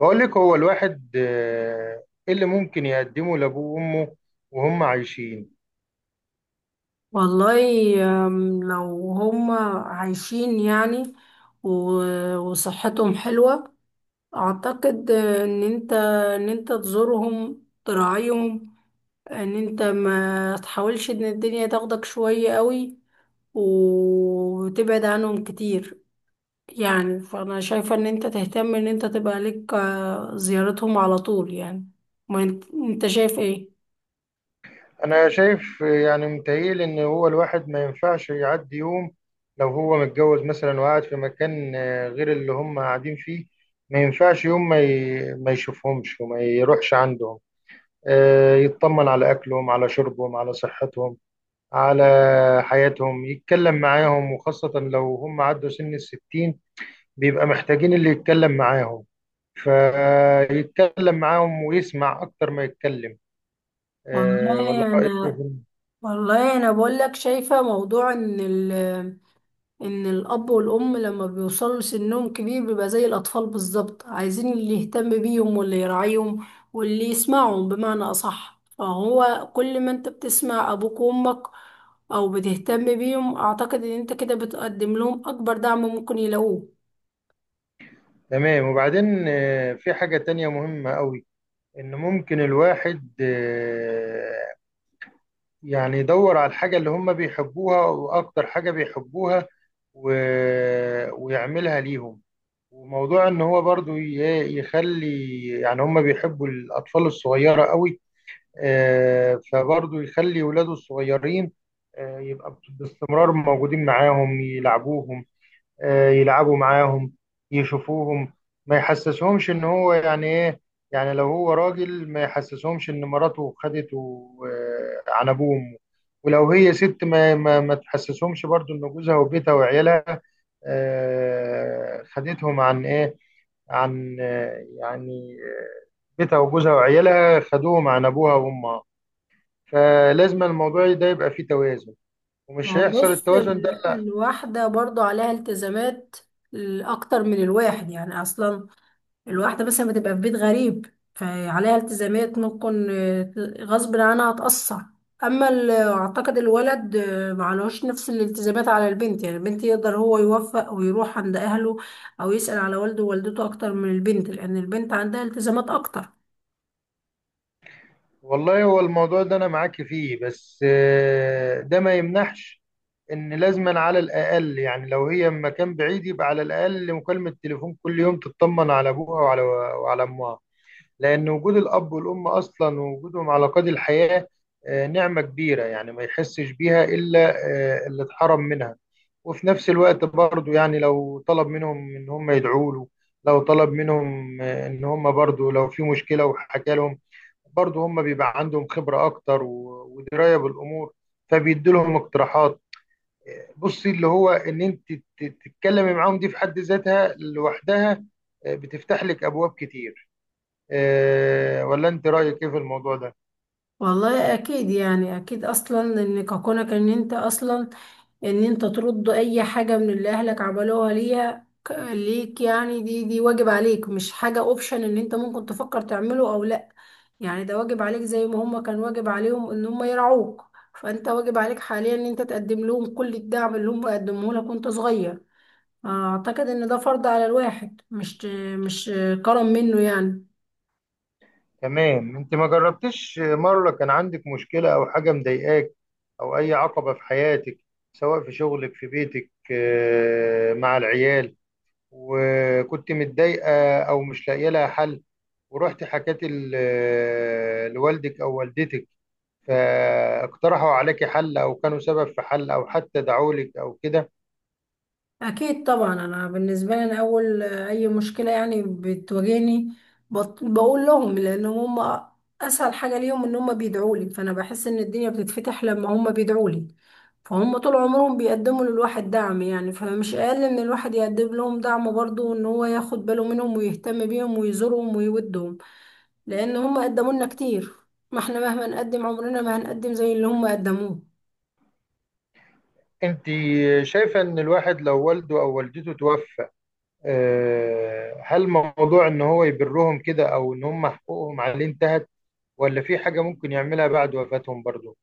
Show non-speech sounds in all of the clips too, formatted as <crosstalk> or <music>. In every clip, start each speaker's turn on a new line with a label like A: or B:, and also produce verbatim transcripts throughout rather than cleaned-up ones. A: بقول لك هو الواحد آه، إيه اللي ممكن يقدمه لأبوه وأمه وهم عايشين.
B: والله، أم، لو هم عايشين يعني، و- وصحتهم حلوة. أعتقد إن أنت إن أنت تزورهم تراعيهم، إن أنت ما تحاولش إن الدنيا تاخدك شوية قوي وتبعد عنهم كتير. يعني فأنا شايفة إن أنت تهتم إن أنت تبقى لك آه، زيارتهم على طول يعني. ما أنت أنت شايف إيه؟
A: أنا شايف، آه، يعني متهيألي إن هو الواحد ما ينفعش يعدي يوم لو هو متجوز مثلا وقاعد في مكان آه، غير اللي هم قاعدين فيه. ما ينفعش يوم ما ي- ما يشوفهمش وما يروحش عندهم. آه، يطمن على أكلهم، على شربهم، على صحتهم، على حياتهم، يتكلم معاهم، وخاصة لو هم عدوا سن الستين بيبقى محتاجين اللي يتكلم معاهم، فيتكلم معاهم ويسمع اكتر ما يتكلم. آه، والله
B: والله
A: رأيك إيه
B: أنا
A: في-
B: والله أنا بقول لك شايفة موضوع إن ال ان الاب والام لما بيوصلوا سنهم كبير بيبقى زي الاطفال بالظبط، عايزين اللي يهتم بيهم واللي يراعيهم واللي يسمعهم بمعنى اصح. فهو كل ما انت بتسمع ابوك وامك او بتهتم بيهم، اعتقد ان انت كده بتقدم لهم اكبر دعم ممكن يلاقوه.
A: تمام، وبعدين آه، في حاجة تانية مهمة قوي، ان ممكن الواحد آه، يعني يدور على الحاجة اللي هم بيحبوها واكتر حاجة بيحبوها و- ويعملها ليهم. وموضوع ان هو برضو ي- يخلي، يعني هم بيحبوا الاطفال الصغيرة قوي. آه، فبرضه يخلي ولاده الصغيرين آه، يبقى باستمرار موجودين معاهم، يلعبوهم، آه، يلعبوا معاهم، يشوفوهم. ما يحسسهمش ان هو يعني ايه. يعني لو هو راجل ما يحسسهمش ان مراته خدته آه، عن ابوه وامه. ولو هي ست ما ما, ما تحسسهمش برضو ان جوزها وبيتها وعيالها آه، خدتهم عن ايه، عن آه، يعني بيتها وجوزها وعيالها خدوهم عن ابوها وامها. فلازم الموضوع ده يبقى فيه توازن،
B: ما
A: ومش
B: هو
A: هيحصل
B: بص،
A: التوازن
B: ال-
A: ده.
B: الواحدة برضو عليها التزامات اكتر من الواحد، يعني اصلا الواحدة مثلا بتبقى في بيت غريب، فعليها التزامات ممكن آه، غصب عنها هتأثر. أما ال- أعتقد الولد آه، معلوش نفس الالتزامات على البنت، يعني البنت يقدر هو يوفق ويروح عند أهله أو يسأل على والده ووالدته أكتر من البنت، لأن البنت عندها التزامات أكتر.
A: والله هو الموضوع ده انا معاك فيه، بس آه، ده ما يمنعش ان لازما على الاقل، يعني لو هي مكان بعيد يبقى على الاقل مكالمة تليفون كل يوم تطمن على ابوها وعلى وعلى امها. لأن وجود الأب والأم أصلا ووجودهم على قيد الحياة آه، نعمة كبيرة، يعني ما يحسش بيها إلا آه، اللي اتحرم منها. وفي نفس الوقت برضو يعني لو طلب منهم إن هم يدعوا له، لو طلب منهم آه، إن هم برضو، لو في مشكلة وحكى لهم برضو هم بيبقى عندهم خبرة أكتر و- ودراية بالأمور، فبيدي لهم اقتراحات. آه، بصي، اللي هو إن أنت تت- تتكلمي معاهم دي في حد ذاتها لوحدها آه، بتفتح لك أبواب كتير. آه، ولا انت رايك ايه في الموضوع ده؟
B: والله أكيد، يعني أكيد أصلا إن كونك إن أنت أصلا ان انت ترد اي حاجة من اللي اهلك عملوها ليها ك- ليك، يعني دي دي واجب عليك مش حاجة اوبشن ان انت ممكن تفكر تعمله او لا. يعني ده واجب عليك زي ما هما كان واجب عليهم ان هما يرعوك. فانت واجب عليك حاليا ان انت تقدم لهم كل الدعم اللي هما قدموه لك وانت صغير. اعتقد ان ده فرض على الواحد، مش مش كرم منه يعني.
A: تمام. انت ما جربتش مره كان عندك مشكله او حاجه مضايقاك، او اي عقبه في حياتك، سواء في شغلك، في بيتك، آه، مع العيال، وكنت متضايقه او مش لاقيه لها حل، ورحت حكيت ال- آه، لوالدك او والدتك، فاقترحوا عليك حل، او كانوا سبب في حل، او حتى دعوا لك او كده؟
B: أكيد طبعا. أنا بالنسبة لي، أنا أول أي مشكلة يعني بتواجهني، بط- بقول لهم، لأن هم أسهل حاجة ليهم إن هم بيدعوا لي. فأنا بحس إن الدنيا بتتفتح لما هم بيدعوا لي. فهم طول عمرهم بيقدموا للواحد دعم، يعني فمش أقل إن الواحد يقدم لهم دعم برضه إن هو ياخد باله منهم ويهتم بيهم ويزورهم ويودهم، لأن هم قدموا لنا كتير. ما إحنا مهما نقدم، عمرنا ما هنقدم زي اللي هم قدموه.
A: انت شايفه ان الواحد لو والده او والدته توفى، آه، هل موضوع ان هو يبرهم كده، او ان هم حقوقهم عليه انتهت، ولا في حاجة ممكن يعملها بعد وفاتهم برضو؟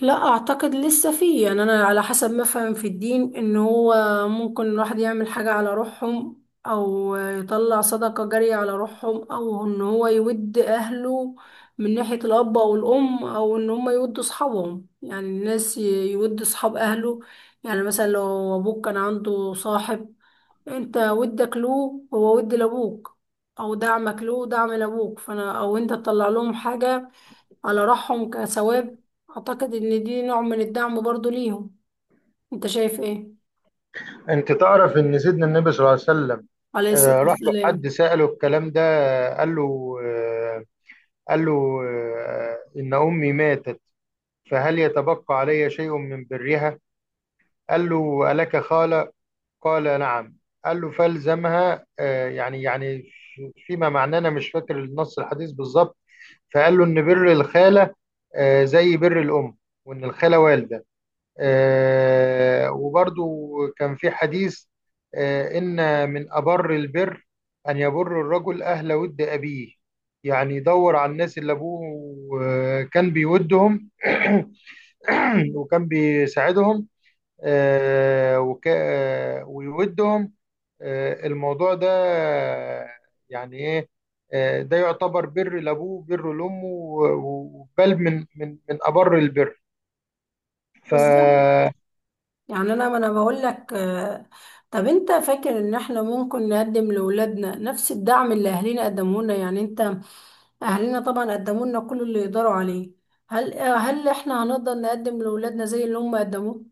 B: لا، اعتقد لسه فيه يعني، انا على حسب ما فهم في الدين ان هو ممكن الواحد يعمل حاجة على روحهم او يطلع صدقة جارية على روحهم، او ان هو يود اهله من ناحية الاب او الام، او ان هم يودوا اصحابهم، يعني الناس ي- يود اصحاب اهله. يعني مثلا لو ابوك كان عنده صاحب، انت ودك له، هو ود لابوك، او دعمك له دعم لابوك، فانا او انت تطلع لهم حاجة على روحهم كثواب. اعتقد ان دي نوع من الدعم برضو ليهم. انت شايف ايه؟
A: انت تعرف ان سيدنا النبي صلى الله عليه وسلم
B: عليه الصلاة
A: آه، راح له حد
B: والسلام.
A: سأله الكلام ده. آه، قال له آه، قال له آه، ان امي ماتت، فهل يتبقى علي شيء من برها؟ قال له: الك خالة؟ قال: نعم. قال له: فالزمها. آه، يعني يعني فيما معناه، انا مش فاكر النص الحديث بالظبط. فقال له إن بر الخالة آه، زي بر الأم، وإن الخالة والدة. آه، وبرضو كان في حديث آه، إن من أبر البر أن يبر الرجل أهل ود أبيه. يعني يدور على الناس اللي أبوه آه، كان بيودهم، <clears throat> وكان بيساعدهم، آه، وك... آه، ويودهم. آه، الموضوع ده آه، يعني ايه آه، ده يعتبر بر لابوه، بر لامه، و- و- وبل من من من ابر البر. ف
B: بالظبط. يعني انا، ما انا بقول لك، آه، طب انت فاكر ان احنا ممكن نقدم لاولادنا نفس الدعم اللي اهالينا قدموه لنا؟ يعني انت، اهالينا طبعا قدموا لنا كل اللي يقدروا عليه، هل آه، هل احنا هنقدر نقدم لاولادنا زي اللي هم قدموه؟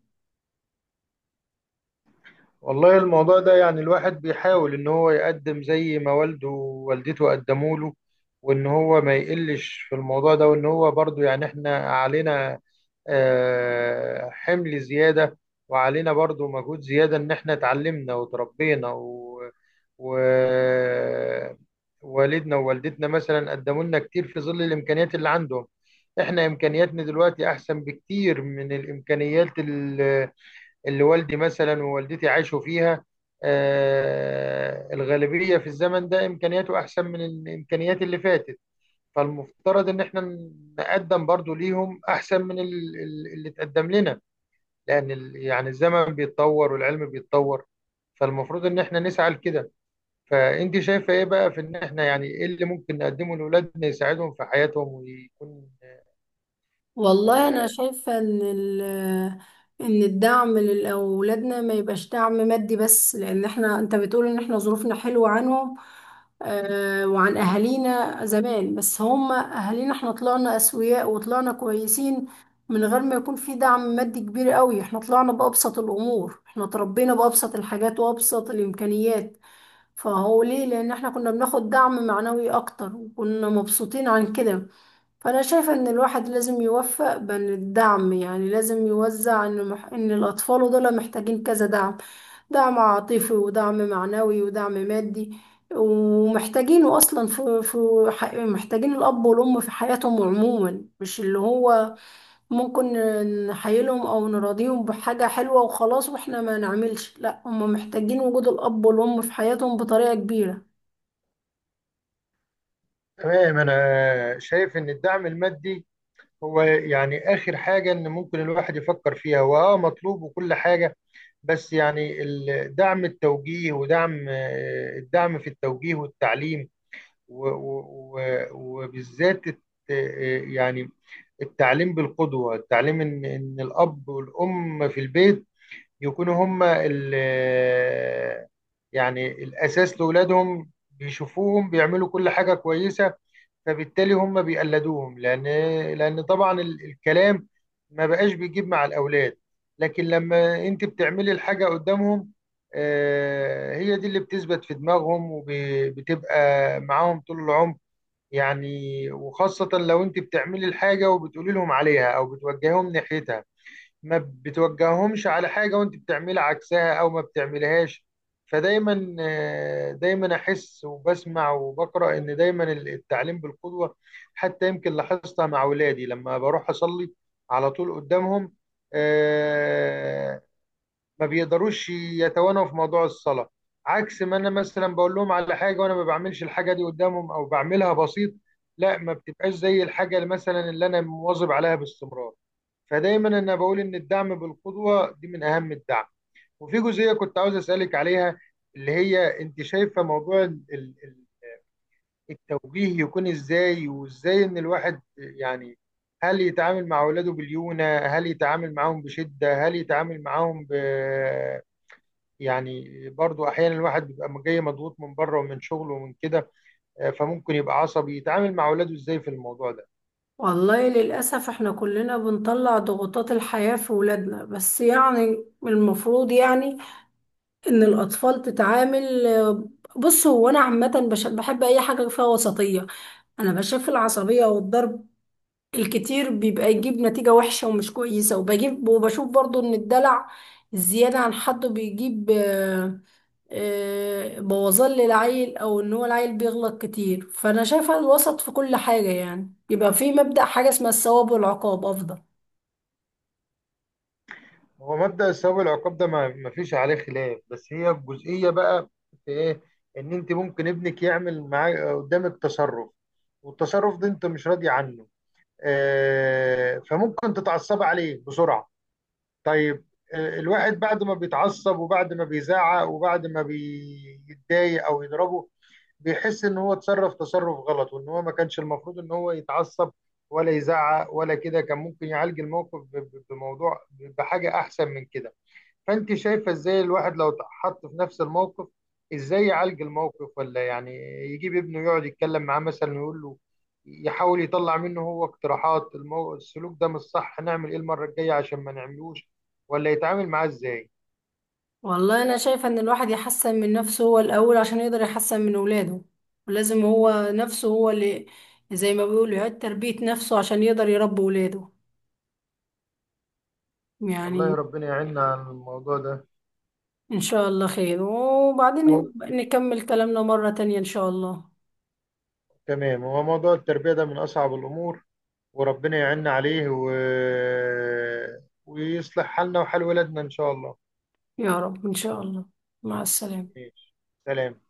A: والله الموضوع ده، يعني الواحد بيحاول ان هو يقدم زي ما والده ووالدته قدموا له، وان هو ما يقلش في الموضوع ده، وان هو برضو يعني احنا علينا آه، حمل زيادة، وعلينا برضو مجهود زيادة ان احنا اتعلمنا وتربينا و... و... والدنا ووالدتنا مثلا قدموا لنا كتير في ظل الامكانيات اللي عندهم. احنا امكانياتنا دلوقتي احسن بكتير من الامكانيات اللي والدي مثلا ووالدتي عاشوا فيها. آه، الغالبية في الزمن ده إمكانياته أحسن من الإمكانيات اللي فاتت، فالمفترض إن إحنا نقدم برضو ليهم أحسن من ال- ال- اللي اتقدم لنا، لأن ال- يعني الزمن بيتطور والعلم بيتطور، فالمفروض إن إحنا نسعى لكده. فأنت شايفة إيه بقى في إن إحنا، يعني إيه اللي ممكن نقدمه لأولادنا يساعدهم في حياتهم ويكون؟
B: والله انا
A: آه،
B: شايفة ان ال- ان الدعم لاولادنا ما يبقاش دعم مادي بس، لان احنا انت بتقول ان احنا ظروفنا حلوة عنهم آه وعن اهالينا زمان، بس هم اهالينا احنا طلعنا اسوياء وطلعنا كويسين من غير ما يكون في دعم مادي كبير قوي. احنا طلعنا بأبسط الامور، احنا تربينا بأبسط الحاجات وأبسط الامكانيات. فهو ليه؟ لان احنا كنا بناخد دعم معنوي اكتر وكنا مبسوطين عن كده. فأنا شايفة إن الواحد لازم يوفق بين الدعم، يعني لازم يوزع إن مح... إن الأطفال دول محتاجين كذا دعم: دعم عاطفي ودعم معنوي ودعم مادي. ومحتاجينه أصلا في في ح... محتاجين الأب والأم في حياتهم عموما، مش اللي هو ممكن نحيلهم أو نراضيهم بحاجة حلوة وخلاص وإحنا ما نعملش، لا، هم محتاجين وجود الأب والأم في حياتهم بطريقة كبيرة.
A: تمام، أنا شايف إن الدعم المادي هو يعني آخر حاجة إن ممكن الواحد يفكر فيها، وآه مطلوب وكل حاجة. بس يعني ال- دعم التوجيه ودعم، آه، الدعم في التوجيه والتعليم، و- و- و- وبالذات الت- آه، يعني التعليم بالقدوة، التعليم إن إن الأب والأم في البيت يكونوا هما ال- آه، يعني الأساس لأولادهم، بيشوفوهم بيعملوا كل حاجة كويسة، فبالتالي هم بيقلدوهم. لان لان طبعا ال- الكلام ما بقاش بيجيب مع الاولاد، لكن لما انت بتعملي الحاجه قدامهم، آه، هي دي اللي بتثبت في دماغهم وبتبقى معاهم طول العمر يعني. وخاصه لو انت بتعملي الحاجه وبتقولي لهم عليها او بتوجههم ناحيتها، ما بتوجههمش على حاجة وانت بتعملي عكسها او ما بتعملهاش. فدايما آه، دايما احس وبسمع وبقرا ان دايما التعليم بالقدوة. حتى يمكن لاحظتها مع اولادي، لما بروح اصلي على طول قدامهم، آه، ما بيقدروش يتوانوا في موضوع الصلاة، عكس ما انا مثلا بقول لهم على حاجة وانا ما بعملش الحاجة دي قدامهم او بعملها بسيط. لا، ما بتبقاش زي الحاجة اللي مثلا اللي انا مواظب عليها باستمرار. فدايما انا بقول ان الدعم بالقدوة دي من اهم الدعم. وفي جزئية كنت عاوز اسألك عليها، اللي هي انت شايفة موضوع ال- ال- التوجيه يكون ازاي، وازاي ان الواحد، يعني هل يتعامل مع اولاده باليونة، هل يتعامل معاهم بشدة، هل يتعامل معاهم ب يعني، برضو احيانا الواحد بيبقى جاي مضغوط من بره ومن شغله ومن كده، آه، فممكن يبقى عصبي. يتعامل مع اولاده ازاي في الموضوع ده؟
B: والله للأسف احنا كلنا بنطلع ضغوطات الحياة في ولادنا، بس يعني المفروض يعني ان الأطفال تتعامل. بص، هو أنا عامة بش- بحب أي حاجة فيها وسطية. أنا بشوف العصبية والضرب الكتير بيبقى يجيب نتيجة وحشة ومش كويسة، وبجيب وبشوف برضو ان الدلع الزيادة عن حده بيجيب آه، بوظان للعيل، او ان هو العيل بيغلط كتير، فانا شايفه الوسط في كل حاجه، يعني يبقى في مبدأ حاجه اسمها الثواب والعقاب افضل.
A: هو مبدأ الثواب العقاب ده ما ما فيش عليه خلاف، بس هي الجزئية بقى في ايه. ان انت ممكن ابنك يعمل معاك قدامك تصرف، والتصرف ده انت مش راضي عنه، آه، فممكن تتعصب عليه بسرعة. طيب، آه، الواحد بعد ما بيتعصب وبعد ما بيزعق وبعد ما بيتضايق او يضربه، بيحس ان هو اتصرف تصرف غلط، وان هو ما كانش المفروض ان هو يتعصب ولا يزعق ولا كده. كان ممكن يعالج الموقف ب- ب- بموضوع، بحاجة احسن من كده. فانت شايفه ازاي الواحد لو اتحط في نفس الموقف، ازاي يعالج الموقف، ولا يعني يجيب ابنه يقعد يتكلم معاه، مثلا يقول له، يحاول يطلع منه هو اقتراحات، المو... السلوك ده مش صح، نعمل ايه المره الجايه عشان ما نعملوش، ولا يتعامل معاه ازاي؟
B: والله انا شايفه ان الواحد يحسن من نفسه هو الاول عشان يقدر يحسن من اولاده، ولازم هو نفسه هو اللي زي ما بيقولوا يعيد تربيه نفسه عشان يقدر يربي اولاده
A: والله،
B: يعني.
A: ربنا يعيننا عن الموضوع ده.
B: ان شاء الله خير، وبعدين
A: أو.
B: نبقى نكمل كلامنا مره تانية ان شاء الله.
A: تمام. هو موضوع التربية ده من أصعب الأمور، وربنا يعيننا عليه و... ويصلح حالنا وحال ولادنا إن شاء الله.
B: يا رب ان شاء الله. مع السلامه.
A: ماشي. سلام.